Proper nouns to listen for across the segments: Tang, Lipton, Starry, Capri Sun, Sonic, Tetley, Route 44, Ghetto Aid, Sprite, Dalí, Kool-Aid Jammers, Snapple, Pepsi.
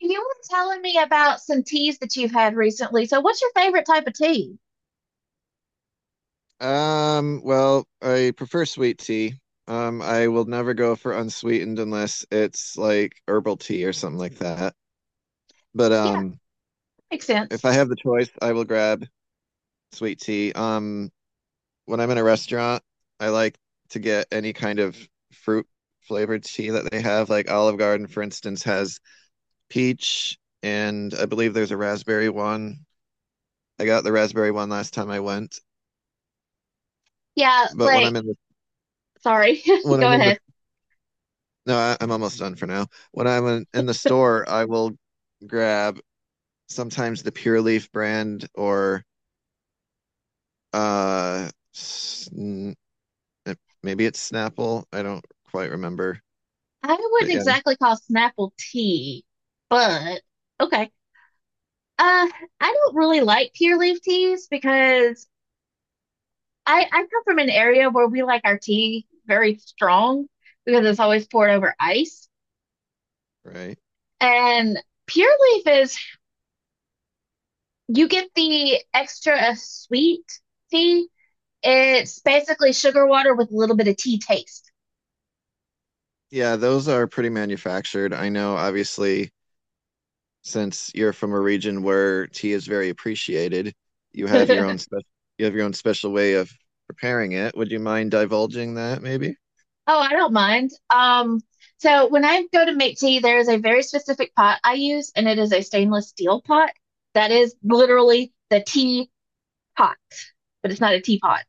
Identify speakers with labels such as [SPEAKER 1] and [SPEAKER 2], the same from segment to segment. [SPEAKER 1] You were telling me about some teas that you've had recently. So, what's your favorite type of tea?
[SPEAKER 2] Well, I prefer sweet tea. I will never go for unsweetened unless it's like herbal tea or something like that. But
[SPEAKER 1] Yeah, makes
[SPEAKER 2] if
[SPEAKER 1] sense.
[SPEAKER 2] I have the choice, I will grab sweet tea. When I'm in a restaurant, I like to get any kind of fruit flavored tea that they have. Like Olive Garden, for instance, has peach, and I believe there's a raspberry one. I got the raspberry one last time I went.
[SPEAKER 1] Yeah,
[SPEAKER 2] But when
[SPEAKER 1] like,
[SPEAKER 2] I'm in the
[SPEAKER 1] sorry,
[SPEAKER 2] when
[SPEAKER 1] go
[SPEAKER 2] I'm in the
[SPEAKER 1] ahead.
[SPEAKER 2] No, I'm almost done for now. When I'm in the store, I will grab sometimes the Pure Leaf brand or sn uh, maybe it's Snapple. I don't quite remember.
[SPEAKER 1] I wouldn't
[SPEAKER 2] But yeah,
[SPEAKER 1] exactly call Snapple tea, but okay. Uh, I don't really like pure leaf teas because I come from an area where we like our tea very strong because it's always poured over ice.
[SPEAKER 2] right.
[SPEAKER 1] And pure leaf is you get the extra sweet tea. It's basically sugar water with a little bit of tea taste.
[SPEAKER 2] Yeah, those are pretty manufactured. I know obviously since you're from a region where tea is very appreciated, you have your own special you have your own special way of preparing it. Would you mind divulging that maybe?
[SPEAKER 1] Oh, I don't mind. So when I go to make tea, there is a very specific pot I use, and it is a stainless steel pot that is literally the tea pot, but it's not a teapot.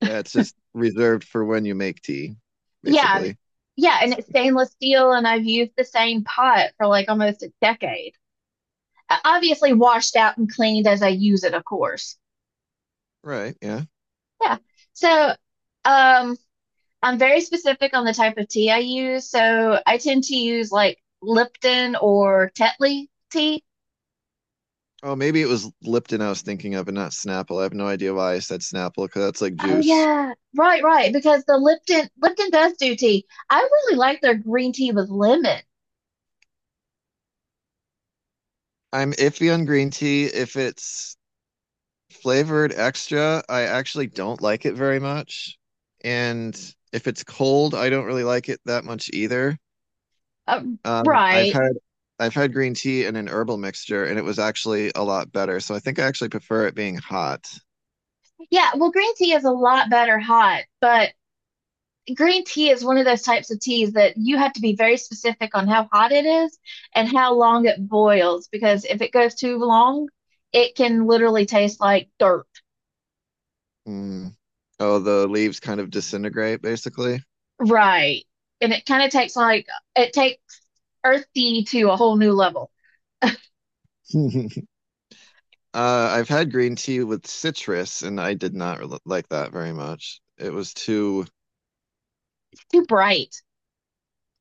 [SPEAKER 2] Yeah, it's just reserved for when you make tea,
[SPEAKER 1] Yeah, b-
[SPEAKER 2] basically.
[SPEAKER 1] yeah, and it's stainless steel, and I've used the same pot for like almost a decade. Obviously washed out and cleaned as I use it, of course.
[SPEAKER 2] Right, yeah.
[SPEAKER 1] Yeah. So, um, I'm very specific on the type of tea I use. So I tend to use like Lipton or Tetley tea.
[SPEAKER 2] Oh, maybe it was Lipton I was thinking of and not Snapple. I have no idea why I said Snapple because that's like
[SPEAKER 1] Oh
[SPEAKER 2] juice.
[SPEAKER 1] yeah, right, right. Because the Lipton does do tea. I really like their green tea with lemon.
[SPEAKER 2] I'm iffy on green tea. If it's flavored extra, I actually don't like it very much. And if it's cold, I don't really like it that much either.
[SPEAKER 1] Um,
[SPEAKER 2] Um, I've
[SPEAKER 1] right.
[SPEAKER 2] had I've had green tea in an herbal mixture and it was actually a lot better. So I think I actually prefer it being hot.
[SPEAKER 1] Yeah. Well, green tea is a lot better hot, but green tea is one of those types of teas that you have to be very specific on how hot it is and how long it boils. Because if it goes too long, it can literally taste like dirt.
[SPEAKER 2] Mm. Oh, the leaves kind of disintegrate basically.
[SPEAKER 1] Right. And it kind of takes like it takes earthy to a whole new level.
[SPEAKER 2] I've had green tea with citrus, and I did not like that very much. It was too,
[SPEAKER 1] Too bright.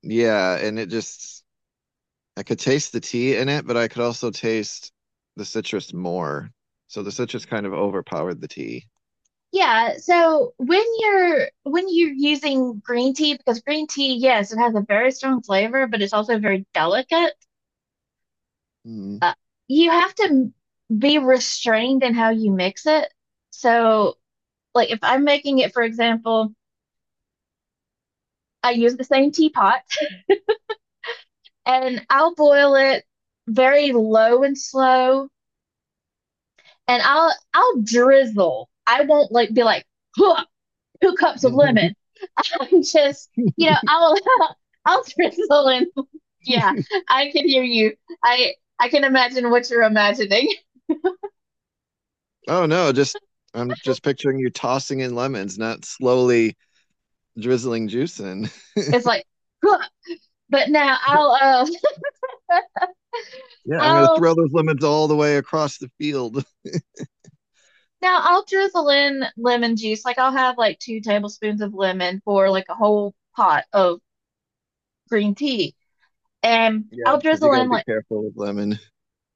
[SPEAKER 2] yeah, and it just, I could taste the tea in it, but I could also taste the citrus more. So the citrus kind of overpowered the tea.
[SPEAKER 1] Yeah, so when you're using green tea, because green tea, yes, it has a very strong flavor, but it's also very delicate.
[SPEAKER 2] Mm.
[SPEAKER 1] Uh, you have to be restrained in how you mix it. So, like if I'm making it, for example, I use the same teapot and I'll boil it very low and slow and I'll drizzle. I won't like be like huh, 2 cups of lemon. I'm just I'll I'll drizzle and yeah, I can hear you. I I can imagine what you're imagining.
[SPEAKER 2] Oh no, just, I'm just picturing you tossing in lemons, not slowly drizzling juice in.
[SPEAKER 1] It's like huh, but now I'll
[SPEAKER 2] Yeah, I'm gonna
[SPEAKER 1] I'll
[SPEAKER 2] throw those lemons all the way across the field.
[SPEAKER 1] now I'll drizzle in lemon juice. Like I'll have like 2 tablespoons of lemon for like a whole pot of green tea, and
[SPEAKER 2] Yeah,
[SPEAKER 1] I'll
[SPEAKER 2] because you
[SPEAKER 1] drizzle
[SPEAKER 2] got
[SPEAKER 1] in
[SPEAKER 2] to be
[SPEAKER 1] like,
[SPEAKER 2] careful with lemon.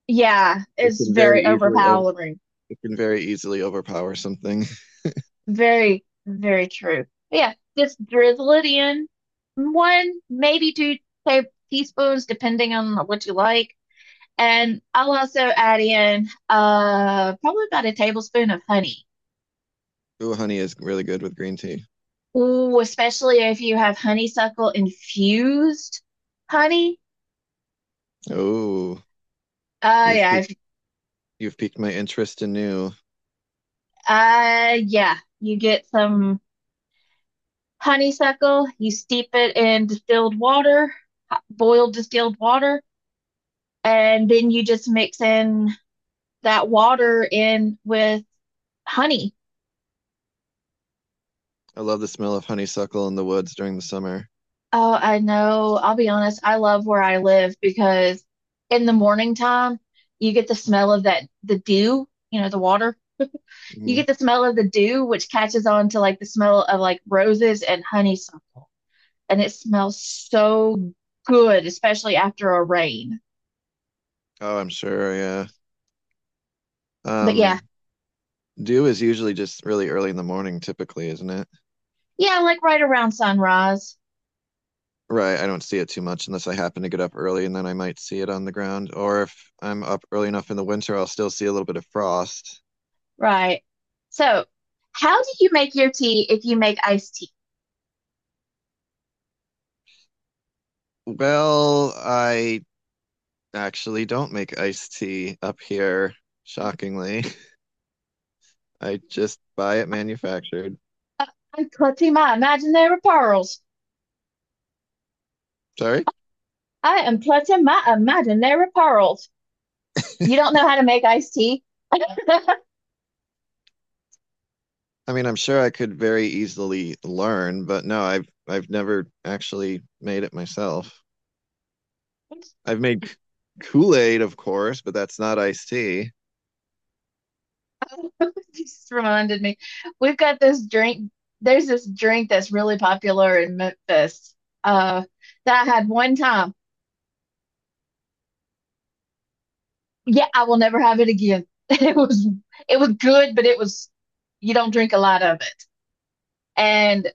[SPEAKER 1] yeah,
[SPEAKER 2] It
[SPEAKER 1] it's
[SPEAKER 2] can very
[SPEAKER 1] very
[SPEAKER 2] easily
[SPEAKER 1] overpowering.
[SPEAKER 2] It can very easily overpower something.
[SPEAKER 1] Very, very true. Yeah, just drizzle it in. One, maybe two ta- teaspoons, depending on what you like. And I'll also add in probably about a tablespoon of honey.
[SPEAKER 2] Ooh, honey is really good with green tea.
[SPEAKER 1] Ooh, especially if you have honeysuckle infused honey.
[SPEAKER 2] Oh,
[SPEAKER 1] Uh
[SPEAKER 2] you've
[SPEAKER 1] yeah,
[SPEAKER 2] piqued,
[SPEAKER 1] if,
[SPEAKER 2] you've piqued my interest anew.
[SPEAKER 1] yeah, you get some honeysuckle, you steep it in distilled water, hot- boiled distilled water, and then you just mix in that water in with honey.
[SPEAKER 2] I love the smell of honeysuckle in the woods during the summer.
[SPEAKER 1] Oh, I know. I'll be honest. I love where I live because in the morning time, you get the smell of that, the dew, you know, the water. You
[SPEAKER 2] Hmm.
[SPEAKER 1] get the smell of the dew, which catches on to like the smell of like roses and honeysuckle. And it smells so good, especially after a rain.
[SPEAKER 2] Oh, I'm sure. Yeah.
[SPEAKER 1] But yeah,
[SPEAKER 2] Um, dew is usually just really early in the morning, typically, isn't it?
[SPEAKER 1] yeah, like right around sunrise.
[SPEAKER 2] Right. I don't see it too much unless I happen to get up early and then I might see it on the ground. Or if I'm up early enough in the winter, I'll still see a little bit of frost.
[SPEAKER 1] Right. So, how do you make your tea if you make iced tea?
[SPEAKER 2] Well, I actually don't make iced tea up here, shockingly. I just buy it manufactured.
[SPEAKER 1] I'm clutching my imaginary pearls.
[SPEAKER 2] Sorry?
[SPEAKER 1] I am clutching my imaginary pearls. You don't know how to make iced tea?
[SPEAKER 2] I mean, I'm sure I could very easily learn, but no, I've never actually made it myself. I've made Kool-Aid, of course, but that's not iced tea.
[SPEAKER 1] Just reminded me. We've got this drink. There's this drink that's really popular in Memphis, uh, that I had one time. Yeah, I will never have it again. It was it was good, but it was you don't drink a lot of it, and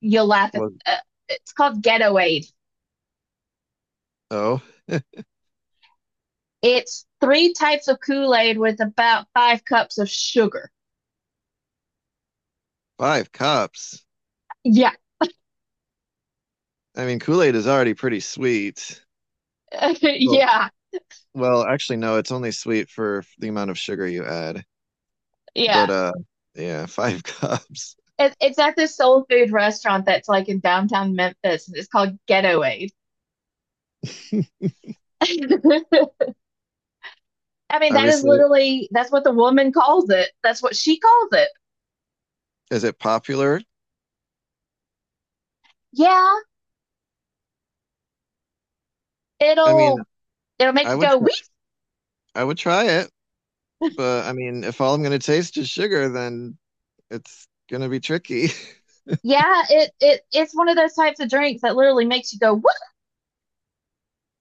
[SPEAKER 1] you'll laugh at.
[SPEAKER 2] Well,
[SPEAKER 1] It's called Ghetto Aid.
[SPEAKER 2] oh,
[SPEAKER 1] It's three types of Kool Aid with about 5 cups of sugar.
[SPEAKER 2] 5 cups.
[SPEAKER 1] Yeah,
[SPEAKER 2] I mean, Kool-Aid is already pretty sweet. Well,
[SPEAKER 1] yeah,
[SPEAKER 2] well, actually, no, it's only sweet for the amount of sugar you add.
[SPEAKER 1] yeah.
[SPEAKER 2] But yeah, 5 cups.
[SPEAKER 1] It's at this soul food restaurant that's like in downtown Memphis, and it's called Ghetto Aid. I mean, that is
[SPEAKER 2] Obviously,
[SPEAKER 1] literally that's what the woman calls it. That's what she calls it.
[SPEAKER 2] is it popular?
[SPEAKER 1] Yeah,
[SPEAKER 2] I mean,
[SPEAKER 1] it'll it'll make
[SPEAKER 2] I
[SPEAKER 1] you
[SPEAKER 2] would
[SPEAKER 1] go
[SPEAKER 2] tr
[SPEAKER 1] whoop.
[SPEAKER 2] I would try it. But I mean, if all I'm going to taste is sugar, then it's going to be tricky.
[SPEAKER 1] Yeah, it's one of those types of drinks that literally makes you go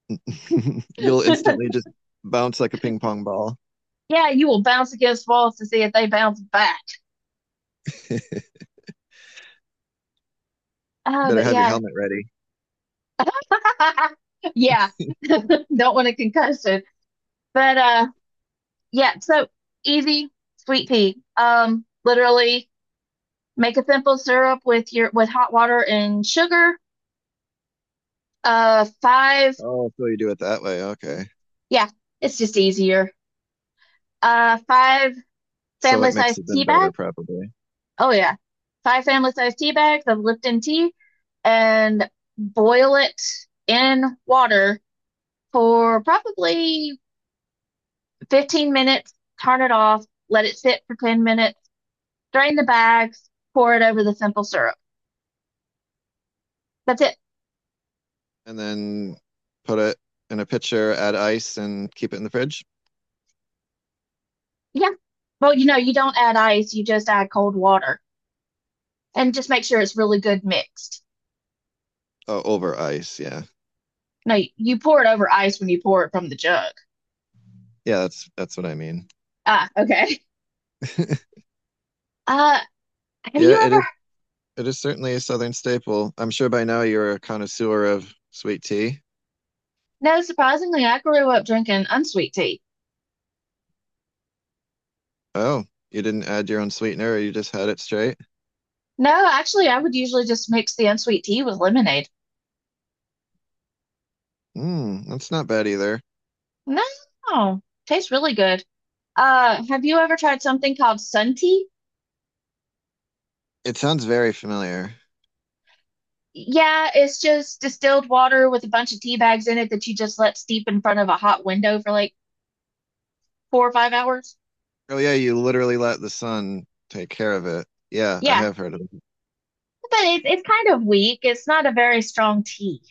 [SPEAKER 2] You'll
[SPEAKER 1] whoop.
[SPEAKER 2] instantly just bounce like a ping pong ball.
[SPEAKER 1] Yeah, you will bounce against walls to see if they bounce back.
[SPEAKER 2] You
[SPEAKER 1] Uh,
[SPEAKER 2] better
[SPEAKER 1] but
[SPEAKER 2] have your
[SPEAKER 1] yeah,
[SPEAKER 2] helmet ready.
[SPEAKER 1] yeah, don't want a concussion. But yeah, so easy, sweet pea. Literally make a simple syrup with your with hot water and sugar. Five.
[SPEAKER 2] Oh, so you do it that way. Okay.
[SPEAKER 1] Yeah, it's just easier. Five
[SPEAKER 2] So
[SPEAKER 1] family
[SPEAKER 2] it
[SPEAKER 1] size
[SPEAKER 2] mixes in
[SPEAKER 1] tea
[SPEAKER 2] better,
[SPEAKER 1] bags.
[SPEAKER 2] probably.
[SPEAKER 1] Oh yeah, five family size tea bags of Lipton tea, and boil it in water for probably 15 minutes. Turn it off. Let it sit for 10 minutes. Drain the bags. Pour it over the simple syrup. That's it.
[SPEAKER 2] And then put it in a pitcher, add ice, and keep it in the fridge.
[SPEAKER 1] Yeah. Well, you know, you don't add ice. You just add cold water. And just make sure it's really good mixed.
[SPEAKER 2] Oh, over ice. Yeah.
[SPEAKER 1] No, you pour it over ice when you pour it from the jug.
[SPEAKER 2] Yeah, that's what I mean.
[SPEAKER 1] Ah, okay. Uh, have
[SPEAKER 2] Yeah,
[SPEAKER 1] you
[SPEAKER 2] it
[SPEAKER 1] ever?
[SPEAKER 2] is. It is certainly a southern staple. I'm sure by now you're a connoisseur of sweet tea.
[SPEAKER 1] No, surprisingly, I grew up drinking unsweet tea.
[SPEAKER 2] Oh, you didn't add your own sweetener, or you just had it straight?
[SPEAKER 1] No, actually, I would usually just mix the unsweet tea with lemonade.
[SPEAKER 2] Hmm, that's not bad either.
[SPEAKER 1] No, tastes really good. Have you ever tried something called sun tea?
[SPEAKER 2] It sounds very familiar.
[SPEAKER 1] Yeah, it's just distilled water with a bunch of tea bags in it that you just let steep in front of a hot window for like 4 or 5 hours.
[SPEAKER 2] Oh yeah, you literally let the sun take care of it. Yeah, I
[SPEAKER 1] Yeah,
[SPEAKER 2] have heard of it,
[SPEAKER 1] but it's kind of weak. It's not a very strong tea.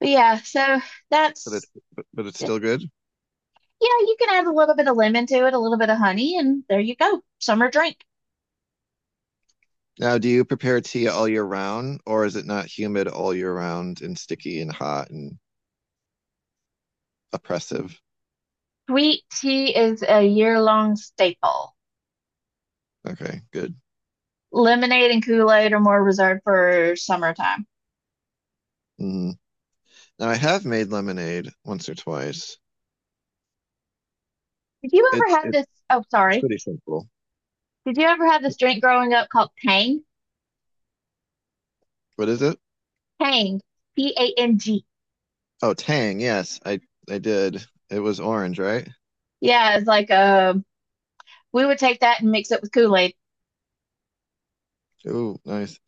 [SPEAKER 1] But yeah, so
[SPEAKER 2] but
[SPEAKER 1] that's
[SPEAKER 2] but it's
[SPEAKER 1] yeah,
[SPEAKER 2] still good.
[SPEAKER 1] you can add a little bit of lemon to it, a little bit of honey, and there you go. Summer drink.
[SPEAKER 2] Now, do you prepare tea all year round, or is it not humid all year round and sticky and hot and oppressive?
[SPEAKER 1] Sweet tea is a year-long staple.
[SPEAKER 2] Okay, good.
[SPEAKER 1] Lemonade and Kool-Aid are more reserved for summertime.
[SPEAKER 2] Mm. Now, I have made lemonade once or twice.
[SPEAKER 1] Did you
[SPEAKER 2] It's
[SPEAKER 1] ever have
[SPEAKER 2] it's
[SPEAKER 1] this? Oh,
[SPEAKER 2] it's
[SPEAKER 1] sorry.
[SPEAKER 2] pretty simple.
[SPEAKER 1] Did you ever have this drink growing up called Tang?
[SPEAKER 2] What is it?
[SPEAKER 1] Tang, PANG.
[SPEAKER 2] Oh, Tang. Yes, I did. It was orange, right?
[SPEAKER 1] Yeah, it's like we would take that and mix it with Kool-Aid.
[SPEAKER 2] Oh, nice.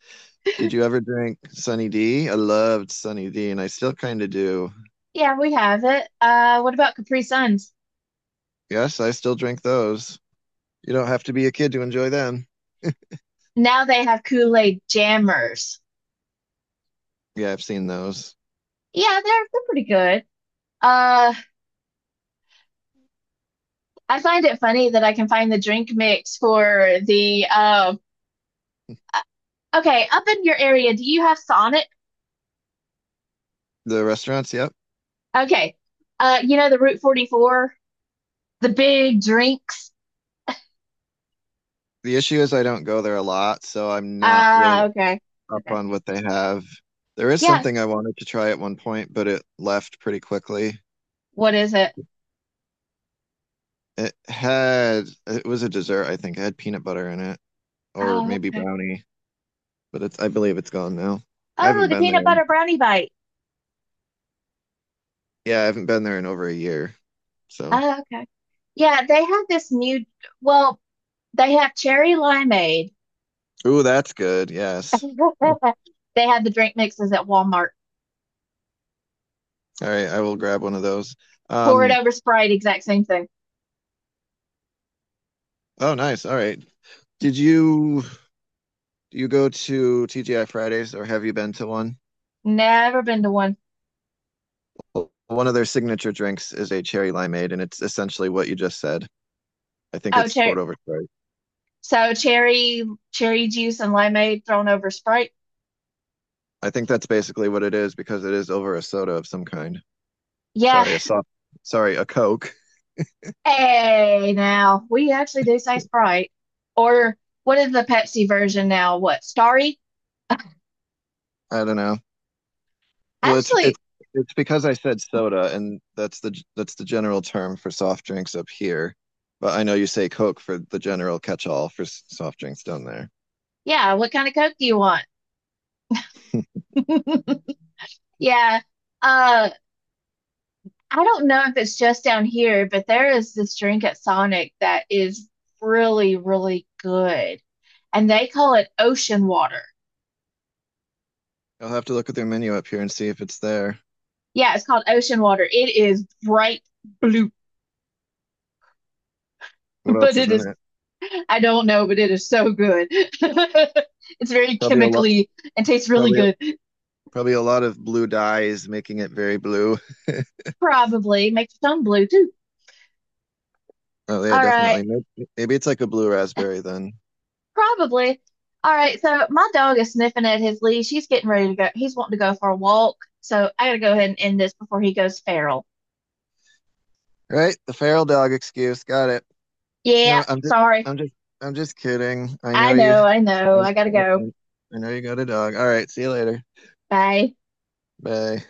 [SPEAKER 2] Did you ever drink Sunny D? I loved Sunny D, and I still kind of do.
[SPEAKER 1] Yeah, we have it. What about Capri Suns?
[SPEAKER 2] Yes, I still drink those. You don't have to be a kid to enjoy them.
[SPEAKER 1] Now they have Kool-Aid jammers.
[SPEAKER 2] Yeah, I've seen those.
[SPEAKER 1] Yeah, they're pretty good. Uh, I find it funny that I can find the drink mix for the okay, up in your area, do you have Sonic?
[SPEAKER 2] The restaurants, yep.
[SPEAKER 1] Okay. You know the Route 44, the big drinks.
[SPEAKER 2] The issue is I don't go there a lot, so I'm not really
[SPEAKER 1] Ah, okay.
[SPEAKER 2] up
[SPEAKER 1] Okay.
[SPEAKER 2] on what they have. There is
[SPEAKER 1] Yeah.
[SPEAKER 2] something I wanted to try at one point, but it left pretty quickly.
[SPEAKER 1] What is it?
[SPEAKER 2] It had, it was a dessert, I think. It had peanut butter in it, or
[SPEAKER 1] Oh,
[SPEAKER 2] maybe
[SPEAKER 1] okay.
[SPEAKER 2] brownie, but it's, I believe it's gone now. I
[SPEAKER 1] Oh,
[SPEAKER 2] haven't
[SPEAKER 1] the
[SPEAKER 2] been there
[SPEAKER 1] peanut
[SPEAKER 2] in,
[SPEAKER 1] butter brownie bite.
[SPEAKER 2] yeah, I haven't been there in over a year. So,
[SPEAKER 1] Oh, okay. Yeah, they have this new, well, they have cherry limeade.
[SPEAKER 2] ooh, that's good. Yes.
[SPEAKER 1] They have the drink mixes at Walmart.
[SPEAKER 2] All right, I will grab one of those.
[SPEAKER 1] Pour it
[SPEAKER 2] Um,
[SPEAKER 1] over Sprite, exact same thing.
[SPEAKER 2] oh, nice. All right. Did you do you go to TGI Fridays or have you been to one?
[SPEAKER 1] Never been to one.
[SPEAKER 2] Well, one of their signature drinks is a cherry limeade, and it's essentially what you just said. I think
[SPEAKER 1] Oh,
[SPEAKER 2] it's
[SPEAKER 1] cherry.
[SPEAKER 2] poured over Sprite.
[SPEAKER 1] So cherry, cherry juice and limeade thrown over Sprite.
[SPEAKER 2] I think that's basically what it is because it is over a soda of some kind.
[SPEAKER 1] Yeah.
[SPEAKER 2] Sorry, a Coke.
[SPEAKER 1] Hey, now we actually do say Sprite. Or what is the Pepsi version now? What, Starry?
[SPEAKER 2] I don't know. Well,
[SPEAKER 1] Actually,
[SPEAKER 2] it's because I said soda, and that's the general term for soft drinks up here. But I know you say Coke for the general catch-all for soft drinks down there.
[SPEAKER 1] yeah, what kind of Coke do you want? Yeah. Uh, I don't know if it's just down here, but there is this drink at Sonic that is really, really good. And they call it ocean water.
[SPEAKER 2] I'll have to look at their menu up here and see if it's there.
[SPEAKER 1] Yeah, it's called ocean water. It is bright blue.
[SPEAKER 2] What
[SPEAKER 1] But
[SPEAKER 2] else is
[SPEAKER 1] it
[SPEAKER 2] in
[SPEAKER 1] is
[SPEAKER 2] it?
[SPEAKER 1] I don't know, but it is so good. It's very
[SPEAKER 2] Probably a lot,
[SPEAKER 1] chemically and tastes really
[SPEAKER 2] probably
[SPEAKER 1] good.
[SPEAKER 2] probably a lot of blue dyes, making it very blue.
[SPEAKER 1] Probably makes your tongue blue too.
[SPEAKER 2] Oh yeah,
[SPEAKER 1] All right,
[SPEAKER 2] definitely. Maybe, it's like a blue raspberry then.
[SPEAKER 1] probably. All right, so my dog is sniffing at his leash. He's getting ready to go. He's wanting to go for a walk. So I gotta go ahead and end this before he goes feral.
[SPEAKER 2] Right, the feral dog excuse. Got it. No,
[SPEAKER 1] Yeah, sorry.
[SPEAKER 2] I'm just, I'm just kidding. I
[SPEAKER 1] I
[SPEAKER 2] know you.
[SPEAKER 1] know, I know.
[SPEAKER 2] I,
[SPEAKER 1] I gotta go.
[SPEAKER 2] I, I know you got a dog. All right, see you later.
[SPEAKER 1] Bye.
[SPEAKER 2] Bye.